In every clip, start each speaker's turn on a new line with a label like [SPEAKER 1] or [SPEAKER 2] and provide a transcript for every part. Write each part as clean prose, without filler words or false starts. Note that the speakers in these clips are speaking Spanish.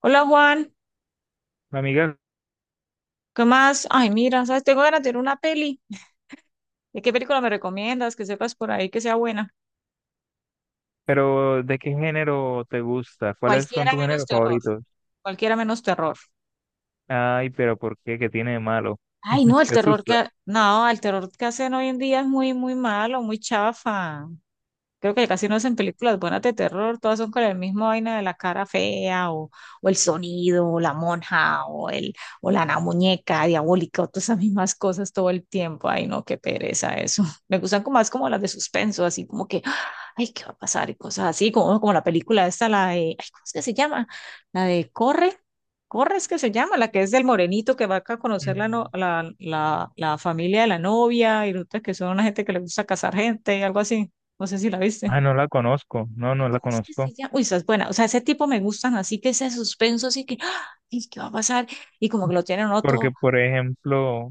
[SPEAKER 1] Hola Juan,
[SPEAKER 2] Amiga,
[SPEAKER 1] ¿qué más? Ay, mira, ¿sabes? Tengo ganas de ver una peli. ¿De qué película me recomiendas? Que sepas por ahí que sea buena.
[SPEAKER 2] pero ¿de qué género te gusta? ¿Cuáles son
[SPEAKER 1] Cualquiera
[SPEAKER 2] tus
[SPEAKER 1] menos
[SPEAKER 2] géneros
[SPEAKER 1] terror,
[SPEAKER 2] favoritos?
[SPEAKER 1] cualquiera menos terror.
[SPEAKER 2] Ay, pero ¿por qué? ¿Qué tiene de malo?
[SPEAKER 1] Ay, no,
[SPEAKER 2] ¿Te asusta?
[SPEAKER 1] el terror que hacen hoy en día es muy, muy malo, muy chafa. Creo que casi no hacen películas buenas de terror, todas son con el mismo vaina de la cara fea o el sonido o la monja o la muñeca diabólica o todas esas mismas cosas todo el tiempo. Ay, no, qué pereza eso. Me gustan como más como las de suspenso, así como que, ay, ¿qué va a pasar? Y cosas así, como la película esta, la de, ay, ¿cómo es que se llama? La de Corre. Corre es que se llama, la que es del morenito que va acá a conocer la, no-
[SPEAKER 2] Mm.
[SPEAKER 1] la familia de la novia y resulta que son una gente que le gusta casar gente, algo así. No sé si la
[SPEAKER 2] Ah,
[SPEAKER 1] viste.
[SPEAKER 2] no la conozco. No,
[SPEAKER 1] Ay,
[SPEAKER 2] no la
[SPEAKER 1] ¿cómo es que se
[SPEAKER 2] conozco.
[SPEAKER 1] llama? Uy, esa es buena. O sea, ese tipo me gustan, así que ese suspenso, así que, ¡ah! ¿Y qué va a pasar? Y como que lo tienen uno
[SPEAKER 2] Porque,
[SPEAKER 1] todo.
[SPEAKER 2] por ejemplo,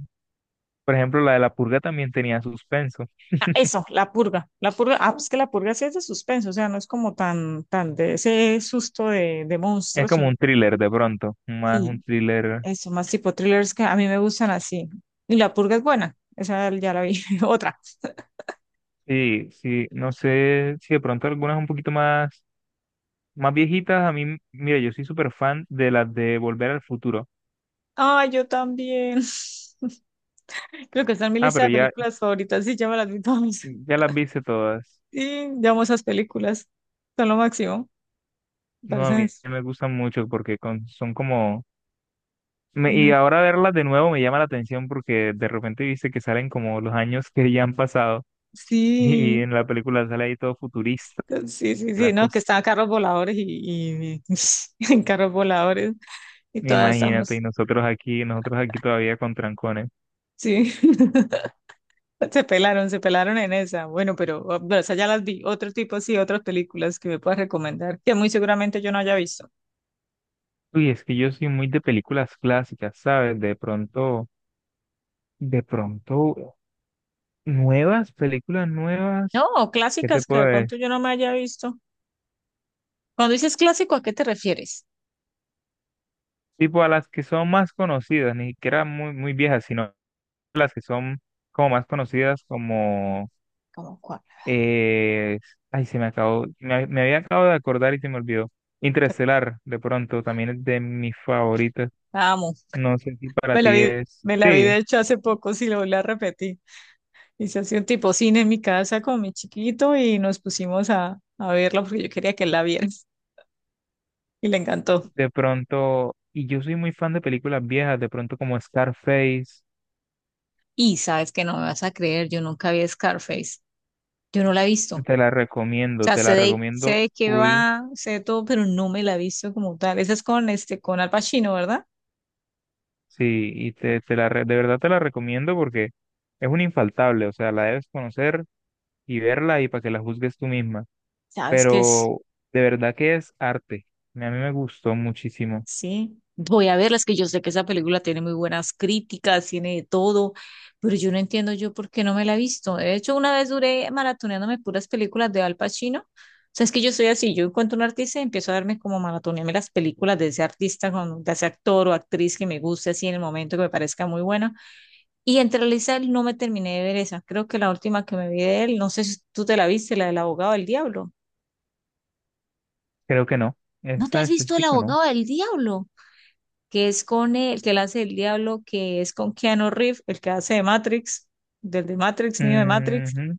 [SPEAKER 2] por ejemplo, la de La Purga también tenía suspenso.
[SPEAKER 1] Ah, eso, La Purga. La Purga, ah, pues que La Purga sí es de suspenso, o sea, no es como tan de ese susto de
[SPEAKER 2] Es
[SPEAKER 1] monstruos,
[SPEAKER 2] como
[SPEAKER 1] sino
[SPEAKER 2] un thriller de pronto, más un
[SPEAKER 1] sí,
[SPEAKER 2] thriller.
[SPEAKER 1] eso, más tipo thrillers que a mí me gustan así. Y La Purga es buena, esa ya la vi. Otra.
[SPEAKER 2] Sí, sí, no sé si de pronto algunas un poquito más, más viejitas. A mí, mira, yo soy súper fan de las de Volver al Futuro.
[SPEAKER 1] Ay, yo también. Creo que está en mi
[SPEAKER 2] Ah,
[SPEAKER 1] lista
[SPEAKER 2] pero
[SPEAKER 1] de
[SPEAKER 2] ya,
[SPEAKER 1] películas favoritas, sí, ya me las vi todas.
[SPEAKER 2] ya las viste todas.
[SPEAKER 1] Sí, llamo esas películas, son lo máximo.
[SPEAKER 2] No, a
[SPEAKER 1] Parecen,
[SPEAKER 2] mí me gustan mucho porque son como...
[SPEAKER 1] ay,
[SPEAKER 2] y
[SPEAKER 1] no,
[SPEAKER 2] ahora verlas de nuevo me llama la atención porque de repente viste que salen como los años que ya han pasado y,
[SPEAKER 1] sí,
[SPEAKER 2] en la película sale ahí todo futurista
[SPEAKER 1] sí, sí,
[SPEAKER 2] y la
[SPEAKER 1] sí, no, que
[SPEAKER 2] cosa.
[SPEAKER 1] estaban carros voladores y- en carros voladores y todas
[SPEAKER 2] Imagínate, y
[SPEAKER 1] estamos,
[SPEAKER 2] nosotros aquí todavía con trancones.
[SPEAKER 1] sí, se pelaron en esa. Bueno, pero esa ya las vi. Otro tipo, sí, otras películas que me puedas recomendar, que muy seguramente yo no haya visto.
[SPEAKER 2] Uy, es que yo soy muy de películas clásicas, ¿sabes? De pronto, nuevas, películas
[SPEAKER 1] No,
[SPEAKER 2] nuevas,
[SPEAKER 1] o
[SPEAKER 2] ¿qué te
[SPEAKER 1] clásicas que de
[SPEAKER 2] puedes
[SPEAKER 1] pronto
[SPEAKER 2] decir?
[SPEAKER 1] yo no me haya visto. Cuando dices clásico, ¿a qué te refieres?
[SPEAKER 2] Tipo a las que son más conocidas, ni siquiera muy, muy viejas, sino... las que son como más conocidas, como,
[SPEAKER 1] ¿Cómo cuál?
[SPEAKER 2] eh, ay, se me acabó, me había acabado de acordar y se me olvidó. Interestelar, de pronto, también es de mis favoritas.
[SPEAKER 1] La amo.
[SPEAKER 2] No sé si para
[SPEAKER 1] Me la
[SPEAKER 2] ti
[SPEAKER 1] vi,
[SPEAKER 2] es,
[SPEAKER 1] Me la vi de
[SPEAKER 2] sí,
[SPEAKER 1] hecho hace poco, sí, lo la volví a repetir. Hice así un tipo cine en mi casa con mi chiquito y nos pusimos a verla porque yo quería que él la viera y le encantó.
[SPEAKER 2] de pronto, y yo soy muy fan de películas viejas, de pronto como Scarface,
[SPEAKER 1] Y sabes que no me vas a creer, yo nunca vi Scarface, yo no la he visto. O sea,
[SPEAKER 2] te la
[SPEAKER 1] sé
[SPEAKER 2] recomiendo
[SPEAKER 1] de qué
[SPEAKER 2] full,
[SPEAKER 1] va, sé de todo, pero no me la he visto como tal. Esa es con, este, con Al Pacino, ¿verdad?
[SPEAKER 2] sí, y de verdad te la recomiendo porque es un infaltable, o sea, la debes conocer y verla y para que la juzgues tú misma.
[SPEAKER 1] Sabes que es
[SPEAKER 2] Pero de verdad que es arte. A mí me gustó muchísimo.
[SPEAKER 1] sí, voy a verlas, que yo sé que esa película tiene muy buenas críticas, tiene de todo, pero yo no entiendo yo por qué no me la he visto. De hecho, una vez duré maratoneándome puras películas de Al Pacino. O sea, es que yo soy así, yo encuentro un artista y empiezo a darme como maratonearme las películas de ese artista, de ese actor o actriz que me guste así en el momento que me parezca muy buena. Y entre Lisa no me terminé de ver esa. Creo que la última que me vi de él, no sé si tú te la viste, la del abogado del diablo.
[SPEAKER 2] Creo que no.
[SPEAKER 1] ¿No te
[SPEAKER 2] Esa en
[SPEAKER 1] has visto el
[SPEAKER 2] específico no.
[SPEAKER 1] abogado del diablo? Que es con él, el que él hace el diablo, que es con Keanu Reeves, el que hace de Matrix, niño de Matrix,
[SPEAKER 2] Ujú.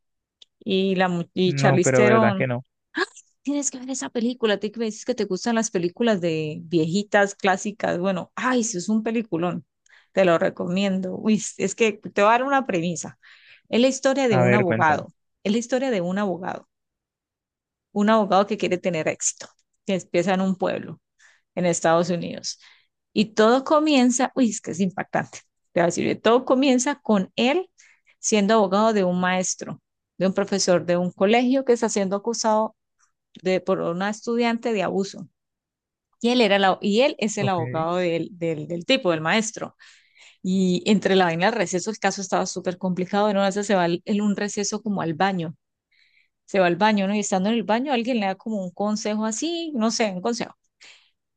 [SPEAKER 1] y, y
[SPEAKER 2] No,
[SPEAKER 1] Charlize
[SPEAKER 2] pero verdad
[SPEAKER 1] Theron.
[SPEAKER 2] que no.
[SPEAKER 1] ¡Ah! Tienes que ver esa película, te que me dices que te gustan las películas de viejitas, clásicas. Bueno, ay, eso es un peliculón, te lo recomiendo. Uy, es que te voy a dar una premisa. Es la historia de
[SPEAKER 2] A
[SPEAKER 1] un
[SPEAKER 2] ver, cuéntame.
[SPEAKER 1] abogado, es la historia de un abogado que quiere tener éxito, que empieza en un pueblo en Estados Unidos. Y todo comienza, uy, es que es impactante, te voy a decir, todo comienza con él siendo abogado de un maestro, de un profesor de un colegio que está siendo acusado de, por una estudiante de abuso. Y él, era la, y él es el
[SPEAKER 2] Ok.
[SPEAKER 1] abogado del tipo, del maestro. Y entre la vaina del receso, el caso estaba súper complicado. En una vez en un receso como al baño. Se va al baño, ¿no? Y estando en el baño, alguien le da como un consejo así, no sé, un consejo.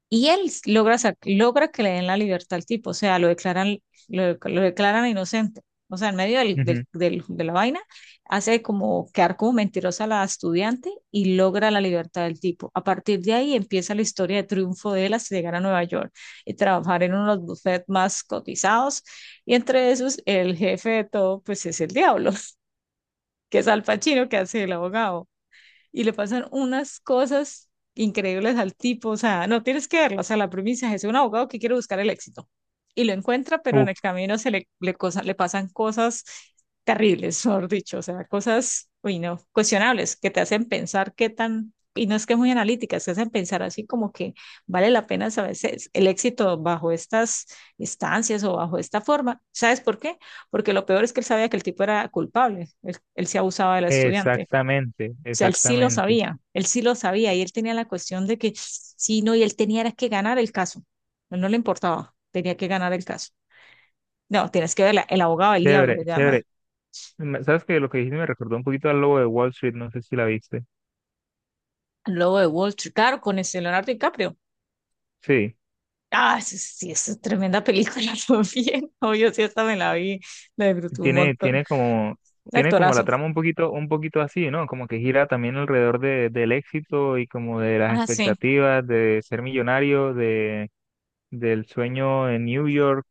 [SPEAKER 1] Y él logra que le den la libertad al tipo, o sea, lo declaran inocente. O sea, en medio
[SPEAKER 2] Ujú.
[SPEAKER 1] de la vaina, hace como quedar como mentirosa a la estudiante y logra la libertad del tipo. A partir de ahí empieza la historia de triunfo de él hasta llegar a Nueva York y trabajar en uno de los bufetes más cotizados. Y entre esos, el jefe de todo, pues es el diablo, que es Al Pacino, que hace el abogado y le pasan unas cosas increíbles al tipo, o sea, no tienes que verlo, o sea, la premisa es un abogado que quiere buscar el éxito y lo encuentra, pero en
[SPEAKER 2] Uf,
[SPEAKER 1] el camino se le, le, cosa, le pasan cosas terribles, mejor dicho, o sea, cosas, uy, no, cuestionables, que te hacen pensar qué tan, y no es que es muy analíticas, te hacen pensar así como que vale la pena a veces el éxito bajo estas instancias o bajo esta forma. ¿Sabes por qué? Porque lo peor es que él sabía que el tipo era culpable, él se abusaba de la estudiante.
[SPEAKER 2] exactamente,
[SPEAKER 1] O sea,
[SPEAKER 2] exactamente.
[SPEAKER 1] él sí lo sabía y él tenía la cuestión de que sí, no, y él tenía era que ganar el caso. No, no le importaba, tenía que ganar el caso. No, tienes que verla, El abogado del diablo
[SPEAKER 2] Chévere,
[SPEAKER 1] se llama.
[SPEAKER 2] chévere. ¿Sabes que lo que dijiste me recordó un poquito al Lobo de Wall Street? No sé si la viste.
[SPEAKER 1] El lobo de Wall Street, claro, con ese Leonardo DiCaprio.
[SPEAKER 2] Sí.
[SPEAKER 1] Ah, sí, sí, es tremenda película también. Obvio, sí, hasta me la vi, la disfruté un
[SPEAKER 2] Tiene,
[SPEAKER 1] montón. Un
[SPEAKER 2] tiene como la
[SPEAKER 1] actorazo.
[SPEAKER 2] trama un poquito así, ¿no? Como que gira también alrededor de, del éxito y como de las
[SPEAKER 1] Ah, sí,
[SPEAKER 2] expectativas de ser millonario, de, del sueño en New York,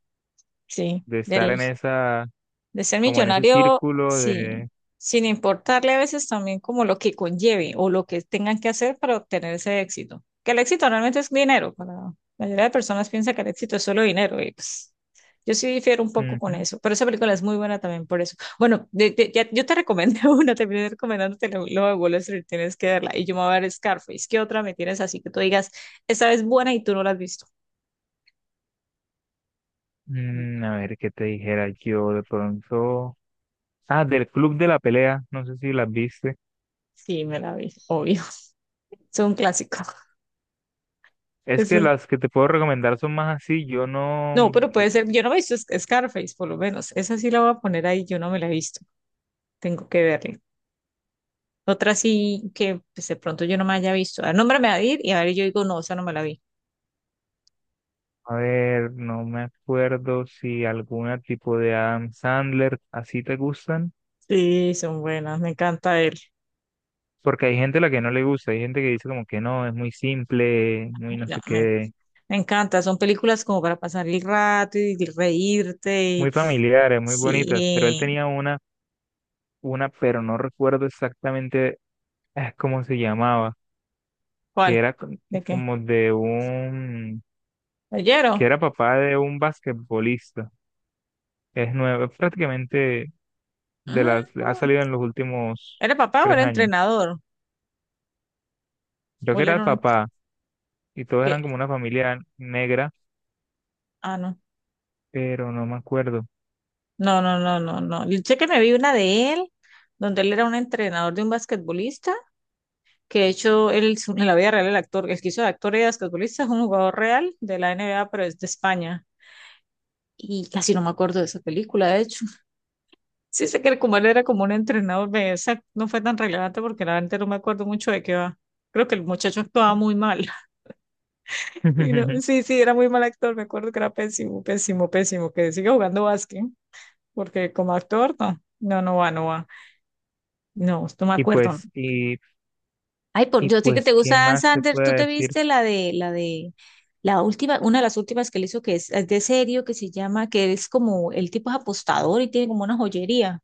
[SPEAKER 1] sí,
[SPEAKER 2] de estar
[SPEAKER 1] del,
[SPEAKER 2] en esa,
[SPEAKER 1] de ser
[SPEAKER 2] como en ese
[SPEAKER 1] millonario,
[SPEAKER 2] círculo
[SPEAKER 1] sí,
[SPEAKER 2] de,
[SPEAKER 1] sin importarle a veces también como lo que conlleve o lo que tengan que hacer para obtener ese éxito. Que el éxito realmente es dinero. Para la mayoría de personas piensa que el éxito es solo dinero y pues yo sí difiero un poco con
[SPEAKER 2] ujú.
[SPEAKER 1] eso, pero esa película es muy buena también por eso. Bueno, yo te recomendé una, terminé recomendándote lo de Wall Street, tienes que verla y yo me voy a ver Scarface. ¿Qué otra me tienes así que tú digas, esta es buena y tú no la has visto?
[SPEAKER 2] Mm, a ver, ¿qué te dijera yo de pronto? Ah, del Club de la Pelea, no sé si las viste.
[SPEAKER 1] Sí, me la vi, obvio. Es un clásico.
[SPEAKER 2] Es
[SPEAKER 1] Es
[SPEAKER 2] que
[SPEAKER 1] un
[SPEAKER 2] las que te puedo recomendar son más así, yo no.
[SPEAKER 1] No, pero puede ser, yo no me he visto Scarface, por lo menos. Esa sí la voy a poner ahí, yo no me la he visto. Tengo que verla. Otra sí que pues, de pronto yo no me haya visto. A nombre me va a ir y a ver, yo digo, no, esa no me la vi.
[SPEAKER 2] A ver, no me acuerdo si alguna tipo de Adam Sandler así te gustan,
[SPEAKER 1] Sí, son buenas, me encanta él.
[SPEAKER 2] porque hay gente a la que no le gusta, hay gente que dice como que no, es muy simple, muy
[SPEAKER 1] Ay,
[SPEAKER 2] no
[SPEAKER 1] No,
[SPEAKER 2] sé
[SPEAKER 1] me,
[SPEAKER 2] qué,
[SPEAKER 1] me encanta, son películas como para pasar el rato y reírte.
[SPEAKER 2] muy familiares, muy bonitas, pero él
[SPEAKER 1] Sí,
[SPEAKER 2] tenía una, pero no recuerdo exactamente cómo se llamaba, que
[SPEAKER 1] ¿cuál?
[SPEAKER 2] era co-
[SPEAKER 1] ¿De qué?
[SPEAKER 2] como de un, que
[SPEAKER 1] ¿Oyeron?
[SPEAKER 2] era papá de un basquetbolista, es nuevo, es prácticamente de
[SPEAKER 1] Ah,
[SPEAKER 2] las, ha salido en los últimos
[SPEAKER 1] ¿era papá o
[SPEAKER 2] tres
[SPEAKER 1] era
[SPEAKER 2] años,
[SPEAKER 1] entrenador?
[SPEAKER 2] creo
[SPEAKER 1] ¿O
[SPEAKER 2] que
[SPEAKER 1] él
[SPEAKER 2] era el
[SPEAKER 1] era un...
[SPEAKER 2] papá. Y todos
[SPEAKER 1] que-
[SPEAKER 2] eran como una familia negra,
[SPEAKER 1] ah, no.
[SPEAKER 2] pero no me acuerdo.
[SPEAKER 1] No. Yo sé que me vi una de él, donde él era un entrenador de un basquetbolista, que de hecho él es en la vida real el actor, el que hizo de actor y de basquetbolista es un jugador real de la NBA, pero es de España. Y casi no me acuerdo de esa película, de hecho. Sí sé que como él era como un entrenador, esa no fue tan relevante porque la verdad no me acuerdo mucho de qué va. Creo que el muchacho actuaba muy mal. Y no, sí, sí, era muy mal actor, me acuerdo que era pésimo, pésimo, pésimo, que sigue jugando básquet, porque como actor, no va, no va. No, no me
[SPEAKER 2] Y
[SPEAKER 1] acuerdo.
[SPEAKER 2] pues, y,
[SPEAKER 1] Ay, por,
[SPEAKER 2] y
[SPEAKER 1] yo sé que te
[SPEAKER 2] pues,
[SPEAKER 1] gusta
[SPEAKER 2] ¿qué
[SPEAKER 1] Dan
[SPEAKER 2] más te
[SPEAKER 1] Sanders.
[SPEAKER 2] puedo
[SPEAKER 1] ¿Tú te
[SPEAKER 2] decir?
[SPEAKER 1] viste la de, la última, una de las últimas que le hizo que es de serio, que se llama, que es como, el tipo es apostador y tiene como una joyería.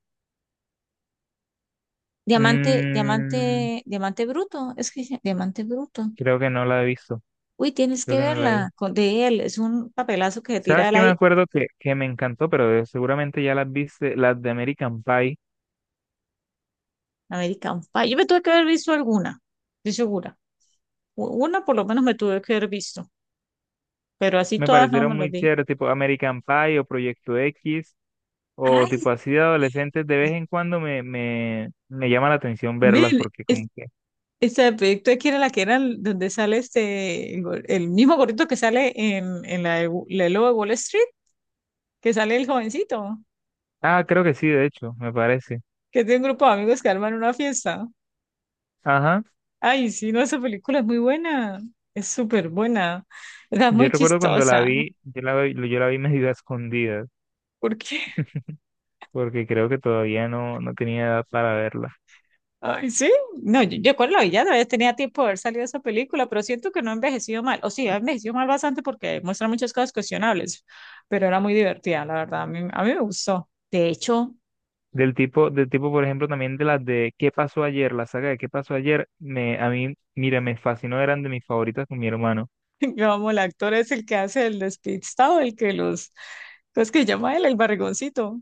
[SPEAKER 2] Mm,
[SPEAKER 1] Diamante bruto. Es que diamante bruto.
[SPEAKER 2] creo que no la he visto,
[SPEAKER 1] Uy, tienes
[SPEAKER 2] creo
[SPEAKER 1] que
[SPEAKER 2] que no la he
[SPEAKER 1] verla
[SPEAKER 2] visto.
[SPEAKER 1] con, de él. Es un papelazo que se tira
[SPEAKER 2] ¿Sabes
[SPEAKER 1] él
[SPEAKER 2] qué me
[SPEAKER 1] ahí.
[SPEAKER 2] acuerdo que me encantó? Pero seguramente ya las viste, las de American Pie,
[SPEAKER 1] American Pie. Yo me tuve que haber visto alguna, estoy segura. Una por lo menos me tuve que haber visto, pero así
[SPEAKER 2] me
[SPEAKER 1] todas no me
[SPEAKER 2] parecieron
[SPEAKER 1] las
[SPEAKER 2] muy
[SPEAKER 1] vi.
[SPEAKER 2] chéveres, tipo American Pie o Proyecto X, o
[SPEAKER 1] Ay,
[SPEAKER 2] tipo así de adolescentes, de vez en cuando me llama la atención verlas,
[SPEAKER 1] ven,
[SPEAKER 2] porque como que,
[SPEAKER 1] esta proyecto de que era la que era donde sale este, el mismo gordito que sale en la, la lobo de Wall Street, que sale el jovencito,
[SPEAKER 2] ah, creo que sí, de hecho, me parece.
[SPEAKER 1] que es de un grupo de amigos que arman una fiesta.
[SPEAKER 2] Ajá.
[SPEAKER 1] Ay, sí, no, esa película es muy buena, es súper buena, es
[SPEAKER 2] Yo
[SPEAKER 1] muy
[SPEAKER 2] recuerdo cuando la
[SPEAKER 1] chistosa,
[SPEAKER 2] vi, yo la vi medio a escondidas,
[SPEAKER 1] porque,
[SPEAKER 2] porque creo que todavía no, no tenía edad para verla.
[SPEAKER 1] ay, sí, no, yo cuando la vi ya todavía tenía tiempo de haber salido esa película, pero siento que no ha envejecido mal, o sí, ha envejecido mal bastante porque muestra muchas cosas cuestionables, pero era muy divertida, la verdad, a mí me gustó. De hecho,
[SPEAKER 2] Del tipo, por ejemplo, también de las de ¿Qué pasó ayer? La saga de ¿Qué pasó ayer? Me, a mí, mira, me fascinó, eran de mis favoritas con mi hermano.
[SPEAKER 1] vamos, el actor es el que hace el despistado, el que los, ¿cómo es que llama él? El barrigoncito.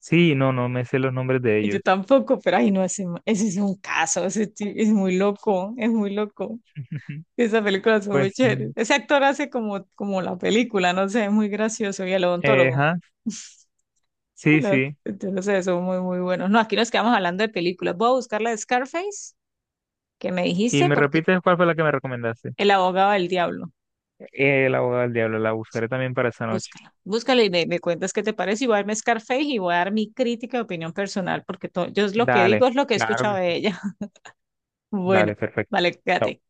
[SPEAKER 2] Sí, no, no me sé los nombres de
[SPEAKER 1] Y yo
[SPEAKER 2] ellos.
[SPEAKER 1] tampoco, pero ay, no, ese es un caso, es muy loco, es muy loco. Esas películas son muy
[SPEAKER 2] Pues,
[SPEAKER 1] chéveres.
[SPEAKER 2] mm,
[SPEAKER 1] Ese actor hace como, como la película, no sé, es muy gracioso. Y el odontólogo.
[SPEAKER 2] ajá, sí, sí.
[SPEAKER 1] Entonces, son muy, muy buenos. No, aquí nos quedamos hablando de películas. Voy a buscar la de Scarface, que me
[SPEAKER 2] Y
[SPEAKER 1] dijiste,
[SPEAKER 2] me
[SPEAKER 1] porque
[SPEAKER 2] repites cuál fue la que me recomendaste.
[SPEAKER 1] El abogado del diablo.
[SPEAKER 2] El abogado del diablo, la buscaré también para esa noche.
[SPEAKER 1] Búscalo, búscalo me cuentas qué te parece. Y voy a darme Scarface y voy a dar mi crítica y opinión personal, porque yo es lo que digo
[SPEAKER 2] Dale,
[SPEAKER 1] es lo que he
[SPEAKER 2] claro
[SPEAKER 1] escuchado
[SPEAKER 2] que
[SPEAKER 1] de
[SPEAKER 2] sí.
[SPEAKER 1] ella. Bueno,
[SPEAKER 2] Dale, perfecto.
[SPEAKER 1] vale, quédate.
[SPEAKER 2] Chao.